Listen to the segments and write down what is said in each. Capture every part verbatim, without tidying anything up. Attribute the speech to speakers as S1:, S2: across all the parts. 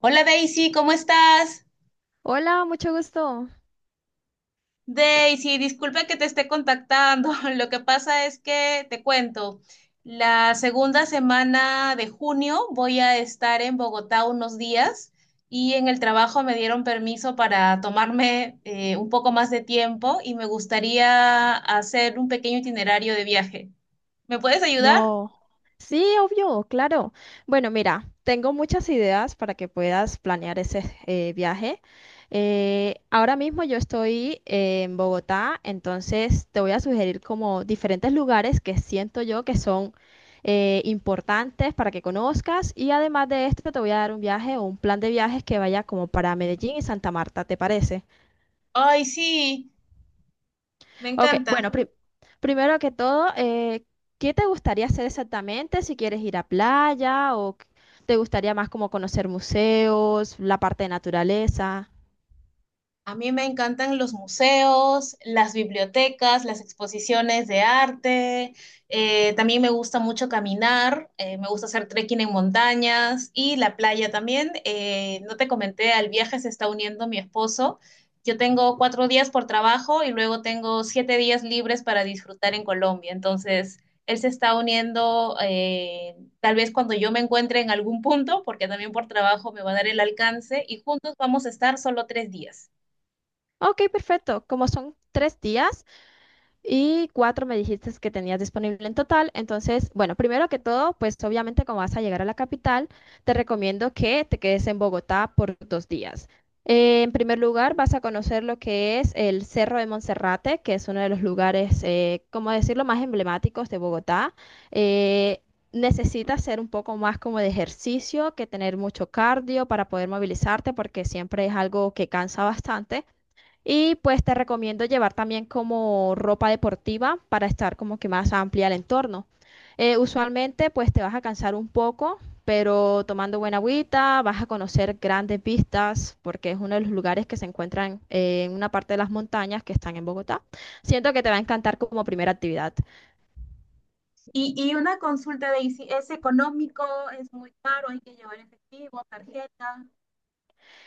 S1: Hola, Daisy, ¿cómo estás?
S2: Hola, mucho gusto.
S1: Daisy, disculpa que te esté contactando. Lo que pasa es que te cuento, la segunda semana de junio voy a estar en Bogotá unos días y en el trabajo me dieron permiso para tomarme eh, un poco más de tiempo y me gustaría hacer un pequeño itinerario de viaje. ¿Me puedes ayudar?
S2: No, sí, obvio, claro. Bueno, mira, tengo muchas ideas para que puedas planear ese eh, viaje. Eh, ahora mismo yo estoy eh, en Bogotá, entonces te voy a sugerir como diferentes lugares que siento yo que son eh, importantes para que conozcas, y además de esto te voy a dar un viaje o un plan de viajes que vaya como para Medellín y Santa Marta, ¿te parece?
S1: Ay, sí, me
S2: Ok,
S1: encanta.
S2: bueno, pri- primero que todo, eh, ¿qué te gustaría hacer exactamente? Si quieres ir a playa, o qu- te gustaría más como conocer museos, la parte de naturaleza.
S1: A mí me encantan los museos, las bibliotecas, las exposiciones de arte. Eh, también me gusta mucho caminar, eh, me gusta hacer trekking en montañas y la playa también. Eh, no te comenté, al viaje se está uniendo mi esposo. Yo tengo cuatro días por trabajo y luego tengo siete días libres para disfrutar en Colombia. Entonces, él se está uniendo eh, tal vez cuando yo me encuentre en algún punto, porque también por trabajo me va a dar el alcance y juntos vamos a estar solo tres días.
S2: Ok, perfecto. Como son tres días, y cuatro me dijiste que tenías disponible en total. Entonces, bueno, primero que todo, pues obviamente como vas a llegar a la capital, te recomiendo que te quedes en Bogotá por dos días. Eh, en primer lugar, vas a conocer lo que es el Cerro de Monserrate, que es uno de los lugares, eh, como decirlo, más emblemáticos de Bogotá. Eh, Necesitas hacer un poco más como de ejercicio, que tener mucho cardio para poder movilizarte, porque siempre es algo que cansa bastante. Y pues te recomiendo llevar también como ropa deportiva para estar como que más amplia el entorno. Eh, usualmente pues te vas a cansar un poco, pero tomando buena agüita vas a conocer grandes vistas, porque es uno de los lugares que se encuentran eh, en una parte de las montañas que están en Bogotá. Siento que te va a encantar como primera actividad.
S1: Y, y una consulta de si es económico, es muy caro, hay que llevar efectivo, tarjeta.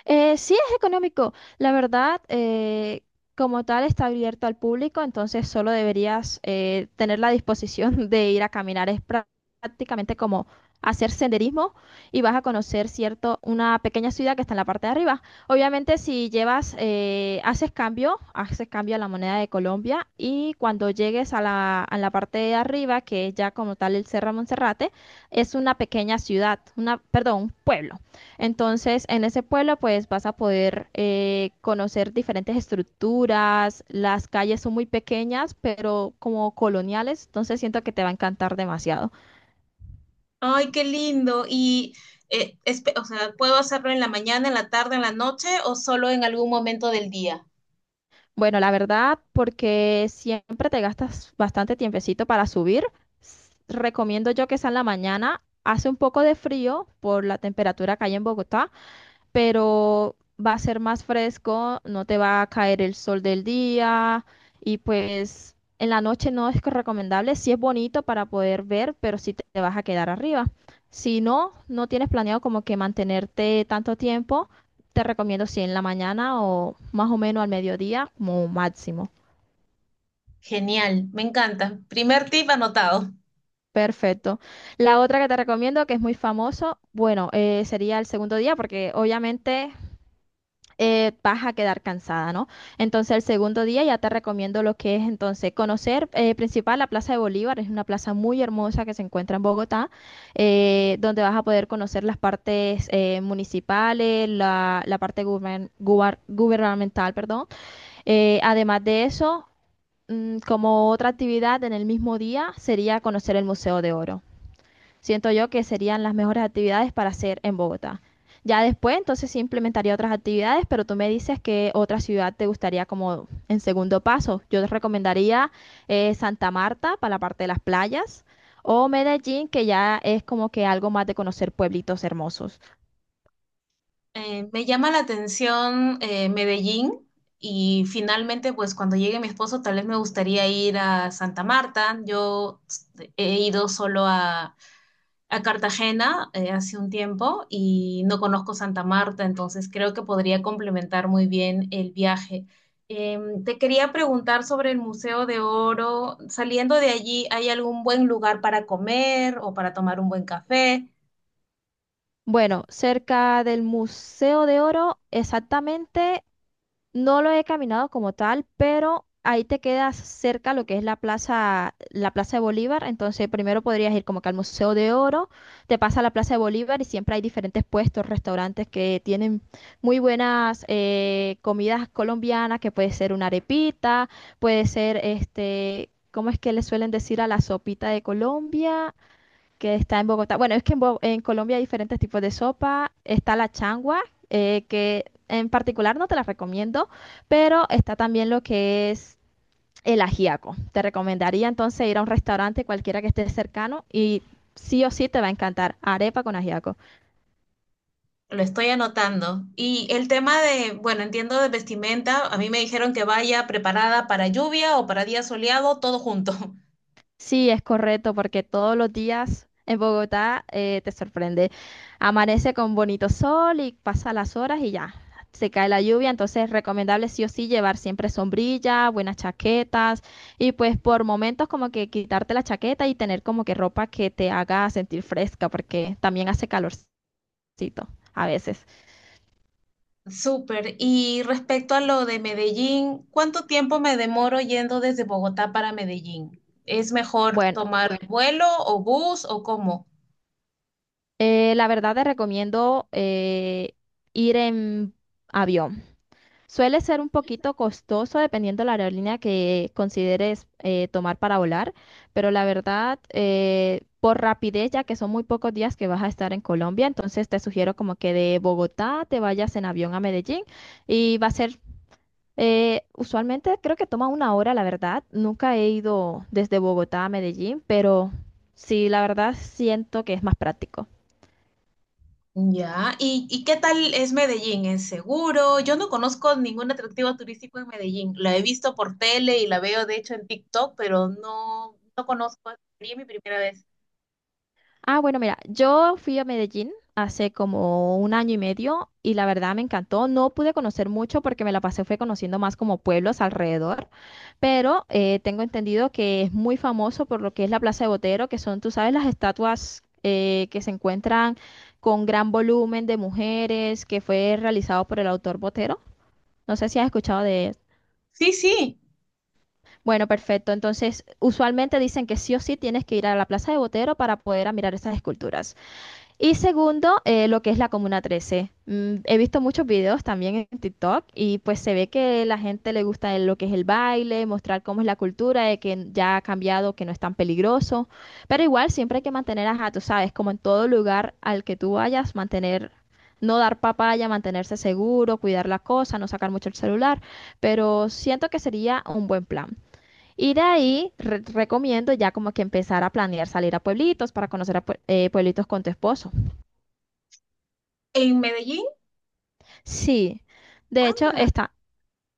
S2: Eh, sí, es económico. La verdad, eh, como tal, está abierto al público, entonces solo deberías eh, tener la disposición de ir a caminar. Es prá- prácticamente como hacer senderismo, y vas a conocer, cierto, una pequeña ciudad que está en la parte de arriba. Obviamente, si llevas, eh, haces cambio, haces cambio a la moneda de Colombia, y cuando llegues a la, a la parte de arriba, que es ya como tal el Cerro Monserrate, es una pequeña ciudad, una, perdón, un pueblo. Entonces, en ese pueblo, pues vas a poder eh, conocer diferentes estructuras. Las calles son muy pequeñas, pero como coloniales, entonces siento que te va a encantar demasiado.
S1: Ay, qué lindo. Y, eh, espe- o sea, ¿puedo hacerlo en la mañana, en la tarde, en la noche o solo en algún momento del día?
S2: Bueno, la verdad, porque siempre te gastas bastante tiempecito para subir, s- recomiendo yo que sea en la mañana. Hace un poco de frío por la temperatura que hay en Bogotá, pero va a ser más fresco, no te va a caer el sol del día, y pues en la noche no es que recomendable, sí es bonito para poder ver, pero sí te te vas a quedar arriba. Si no, no tienes planeado como que mantenerte tanto tiempo, te recomiendo si en la mañana o más o menos al mediodía como máximo.
S1: Genial, me encanta. Primer tip anotado.
S2: Perfecto. La otra que te recomiendo, que es muy famoso, bueno, eh, sería el segundo día, porque obviamente eh, vas a quedar cansada, ¿no? Entonces, el segundo día ya te recomiendo lo que es entonces conocer eh, principal la Plaza de Bolívar, es una plaza muy hermosa que se encuentra en Bogotá, eh, donde vas a poder conocer las partes eh, municipales, la, la parte guber- gubar- gubernamental, perdón. Eh, además de eso, mm, como otra actividad en el mismo día sería conocer el Museo de Oro. Siento yo que serían las mejores actividades para hacer en Bogotá. Ya después, entonces sí implementaría otras actividades, pero tú me dices que otra ciudad te gustaría como en segundo paso. Yo te recomendaría eh, Santa Marta para la parte de las playas, o Medellín, que ya es como que algo más de conocer pueblitos hermosos.
S1: Eh, me llama la atención eh, Medellín y finalmente, pues cuando llegue mi esposo, tal vez me gustaría ir a Santa Marta. Yo he ido solo a, a Cartagena eh, hace un tiempo y no conozco Santa Marta, entonces creo que podría complementar muy bien el viaje. Em, te quería preguntar sobre el Museo de Oro. Saliendo de allí, ¿hay algún buen lugar para comer o para tomar un buen café?
S2: Bueno, cerca del Museo de Oro, exactamente no lo he caminado como tal, pero ahí te quedas cerca lo que es la plaza, la Plaza de Bolívar. Entonces, primero podrías ir como que al Museo de Oro, te pasa a la Plaza de Bolívar, y siempre hay diferentes puestos, restaurantes que tienen muy buenas eh, comidas colombianas, que puede ser una arepita, puede ser este, ¿cómo es que le suelen decir a la sopita de Colombia que está en Bogotá? Bueno, es que en, Bo- en Colombia hay diferentes tipos de sopa. Está la changua, eh, que en particular no te la recomiendo, pero está también lo que es el ajiaco. Te recomendaría entonces ir a un restaurante cualquiera que esté cercano, y sí o sí te va a encantar arepa con ajiaco.
S1: Lo estoy anotando. Y el tema de, bueno, entiendo de vestimenta, a mí me dijeron que vaya preparada para lluvia o para día soleado, todo junto.
S2: Sí, es correcto, porque todos los días en Bogotá eh, te sorprende. Amanece con bonito sol y pasa las horas y ya, se cae la lluvia, entonces es recomendable sí o sí llevar siempre sombrilla, buenas chaquetas, y pues por momentos como que quitarte la chaqueta y tener como que ropa que te haga sentir fresca, porque también hace calorcito a veces.
S1: Súper. Y respecto a lo de Medellín, ¿cuánto tiempo me demoro yendo desde Bogotá para Medellín? ¿Es mejor
S2: Bueno,
S1: tomar? Bueno, ¿vuelo o bus o cómo?
S2: eh, la verdad te recomiendo eh, ir en avión. Suele ser un poquito costoso dependiendo la aerolínea que consideres eh, tomar para volar, pero la verdad, eh, por rapidez, ya que son muy pocos días que vas a estar en Colombia, entonces te sugiero como que de Bogotá te vayas en avión a Medellín, y va a ser, eh, usualmente creo que toma una hora, la verdad. Nunca he ido desde Bogotá a Medellín, pero sí, la verdad siento que es más práctico.
S1: Ya. ¿Y, y qué tal es Medellín? ¿Es seguro? Yo no conozco ningún atractivo turístico en Medellín. La he visto por tele y la veo de hecho en TikTok, pero no, no conozco. Sería mi primera vez.
S2: Ah, bueno, mira, yo fui a Medellín hace como un año y medio y la verdad me encantó. No pude conocer mucho porque me la pasé fue conociendo más como pueblos alrededor, pero eh, tengo entendido que es muy famoso por lo que es la Plaza de Botero, que son, tú sabes, las estatuas eh, que se encuentran con gran volumen de mujeres, que fue realizado por el autor Botero. No sé si has escuchado de... él.
S1: Sí, sí,
S2: Bueno, perfecto. Entonces, usualmente dicen que sí o sí tienes que ir a la Plaza de Botero para poder admirar esas esculturas. Y segundo, eh, lo que es la Comuna trece. Mm, he visto muchos videos también en TikTok, y pues se ve que la gente le gusta el- lo que es el baile, mostrar cómo es la cultura, de que ya ha cambiado, que no es tan peligroso. Pero igual siempre hay que mantener, ajá, tú sabes, como en todo lugar al que tú vayas, mantener, no dar papaya, mantenerse seguro, cuidar la cosa, no sacar mucho el celular. Pero siento que sería un buen plan. Y de ahí re- recomiendo ya como que empezar a planear salir a pueblitos, para conocer a pue- eh, pueblitos con tu esposo.
S1: en Medellín.
S2: Sí, de hecho
S1: Ah,
S2: está,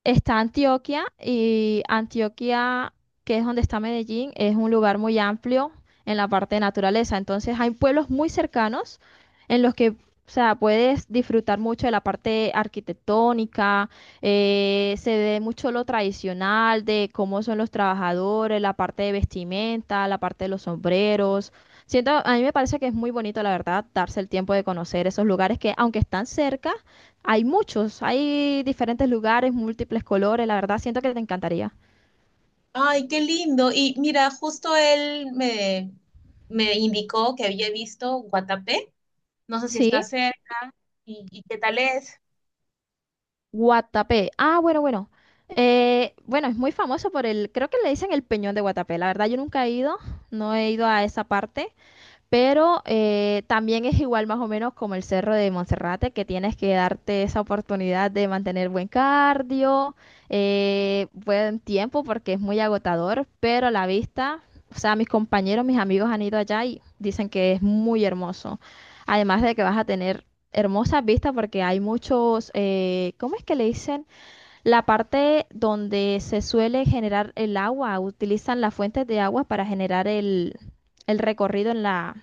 S2: está Antioquia, y Antioquia, que es donde está Medellín, es un lugar muy amplio en la parte de naturaleza. Entonces hay pueblos muy cercanos en los que, o sea, puedes disfrutar mucho de la parte arquitectónica, eh, se ve mucho lo tradicional de cómo son los trabajadores, la parte de vestimenta, la parte de los sombreros. Siento, a mí me parece que es muy bonito, la verdad, darse el tiempo de conocer esos lugares que, aunque están cerca, hay muchos, hay diferentes lugares, múltiples colores, la verdad siento que te encantaría.
S1: ay, qué lindo. Y mira, justo él me, me indicó que había visto Guatapé. No sé si está
S2: Sí,
S1: cerca. ¿Y, y qué tal es?
S2: Guatapé. Ah, bueno, bueno. Eh, bueno, es muy famoso por el, creo que le dicen el Peñón de Guatapé. La verdad yo nunca he ido, no he ido a esa parte, pero eh, también es igual más o menos como el Cerro de Monserrate, que tienes que darte esa oportunidad de mantener buen cardio, eh, buen tiempo, porque es muy agotador, pero la vista, o sea, mis compañeros, mis amigos han ido allá y dicen que es muy hermoso. Además de que vas a tener hermosas vistas porque hay muchos, eh, ¿cómo es que le dicen? La parte donde se suele generar el agua, utilizan las fuentes de agua para generar el el recorrido en la,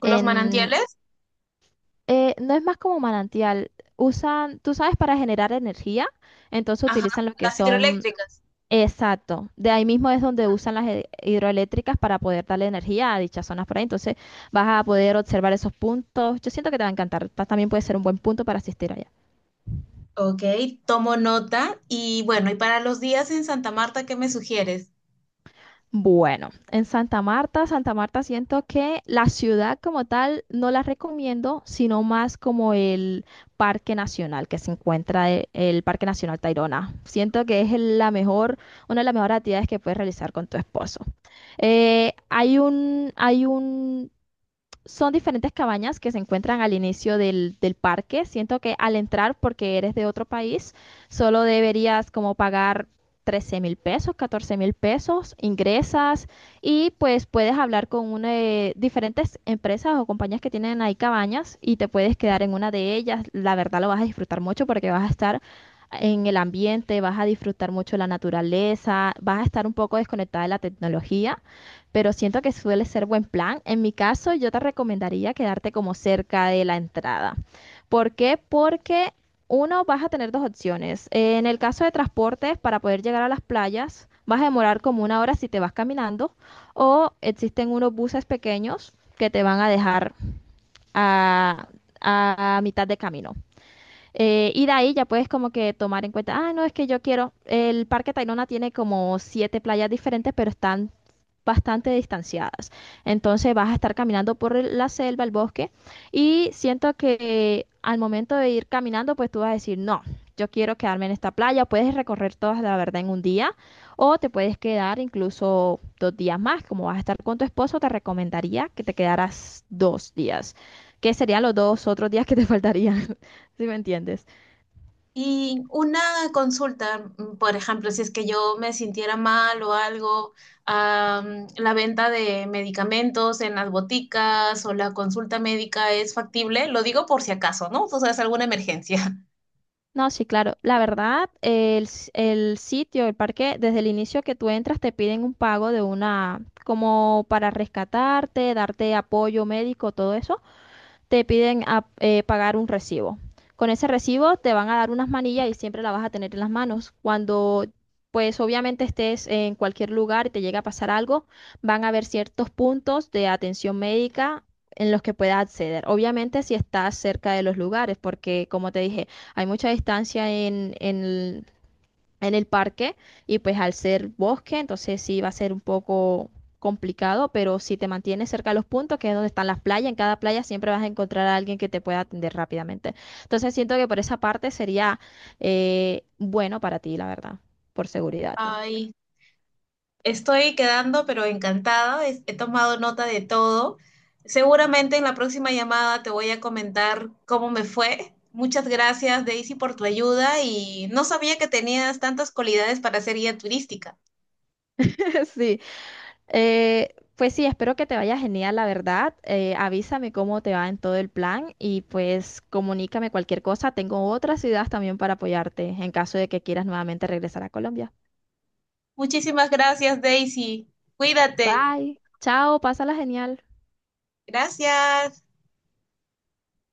S1: ¿Los
S2: en,
S1: manantiales?
S2: eh, no, es más como manantial. Usan, tú sabes, para generar energía, entonces
S1: Ajá,
S2: utilizan lo que
S1: las
S2: son,
S1: hidroeléctricas.
S2: exacto. De ahí mismo es donde usan las he- hidroeléctricas para poder darle energía a dichas zonas por ahí. Entonces vas a poder observar esos puntos. Yo siento que te va a encantar. Pa- También puede ser un buen punto para asistir allá.
S1: Ok, tomo nota. Y bueno, ¿y para los días en Santa Marta, qué me sugieres?
S2: Bueno, en Santa Marta, Santa Marta siento que la ciudad como tal no la recomiendo, sino más como el Parque Nacional que se encuentra, e- el Parque Nacional Tayrona. Siento que es el- la mejor, una de las mejores actividades que puedes realizar con tu esposo. Eh, hay un, hay un son diferentes cabañas que se encuentran al inicio del, del parque. Siento que al entrar, porque eres de otro país, solo deberías como pagar trece mil pesos, catorce mil pesos, ingresas, y pues puedes hablar con una de diferentes empresas o compañías que tienen ahí cabañas, y te puedes quedar en una de ellas. La verdad lo vas a disfrutar mucho porque vas a estar en el ambiente, vas a disfrutar mucho la naturaleza, vas a estar un poco desconectada de la tecnología, pero siento que suele ser buen plan. En mi caso, yo te recomendaría quedarte como cerca de la entrada. ¿Por qué? Porque uno, vas a tener dos opciones. En el caso de transportes, para poder llegar a las playas, vas a demorar como una hora si te vas caminando, o existen unos buses pequeños que te van a dejar a, a mitad de camino. Eh, y de ahí ya puedes como que tomar en cuenta, ah, no, es que yo quiero, el Parque Tayrona tiene como siete playas diferentes, pero están bastante distanciadas. Entonces vas a estar caminando por el- la selva, el bosque, y siento que eh, al momento de ir caminando, pues tú vas a decir, no, yo quiero quedarme en esta playa, puedes recorrer todas la verdad en un día, o te puedes quedar incluso dos días más, como vas a estar con tu esposo, te recomendaría que te quedaras dos días, que serían los dos otros días que te faltarían, si me entiendes.
S1: Y una consulta, mm, por ejemplo, si es que yo me sintiera mal o algo, am, la venta de medicamentos en las boticas o la consulta médica es factible, lo digo por si acaso, ¿no? O sea, es alguna emergencia.
S2: No, sí, claro. La verdad, el, s- el sitio, el parque, desde el inicio que tú entras, te piden un pago de una, como para rescatarte, darte apoyo médico, todo eso te piden a- eh, pagar un recibo. Con ese recibo te van a dar unas manillas y siempre la vas a tener en las manos. Cuando, pues obviamente estés en cualquier lugar y te llega a pasar algo, van a haber ciertos puntos de atención médica en los que puedas acceder. Obviamente si estás cerca de los lugares, porque como te dije, hay mucha distancia en, en en el parque, y pues al ser bosque, entonces sí va a ser un poco complicado, pero si te mantienes cerca de los puntos, que es donde están las playas, en cada playa siempre vas a encontrar a alguien que te pueda atender rápidamente. Entonces siento que por esa parte sería eh, bueno para ti, la verdad, por seguridad.
S1: Ay, estoy quedando, pero encantada, es- he tomado nota de todo. Seguramente en la próxima llamada te voy a comentar cómo me fue. Muchas gracias, Daisy, por tu ayuda y no sabía que tenías tantas cualidades para ser guía turística.
S2: Sí. Eh, pues sí, espero que te vaya genial, la verdad. Eh, avísame cómo te va en todo el plan y pues comunícame cualquier cosa. Tengo otras ideas también para apoyarte en caso de que quieras nuevamente regresar a Colombia.
S1: Muchísimas gracias, Daisy. Cuídate.
S2: Bye. Chao, pásala genial.
S1: Gracias.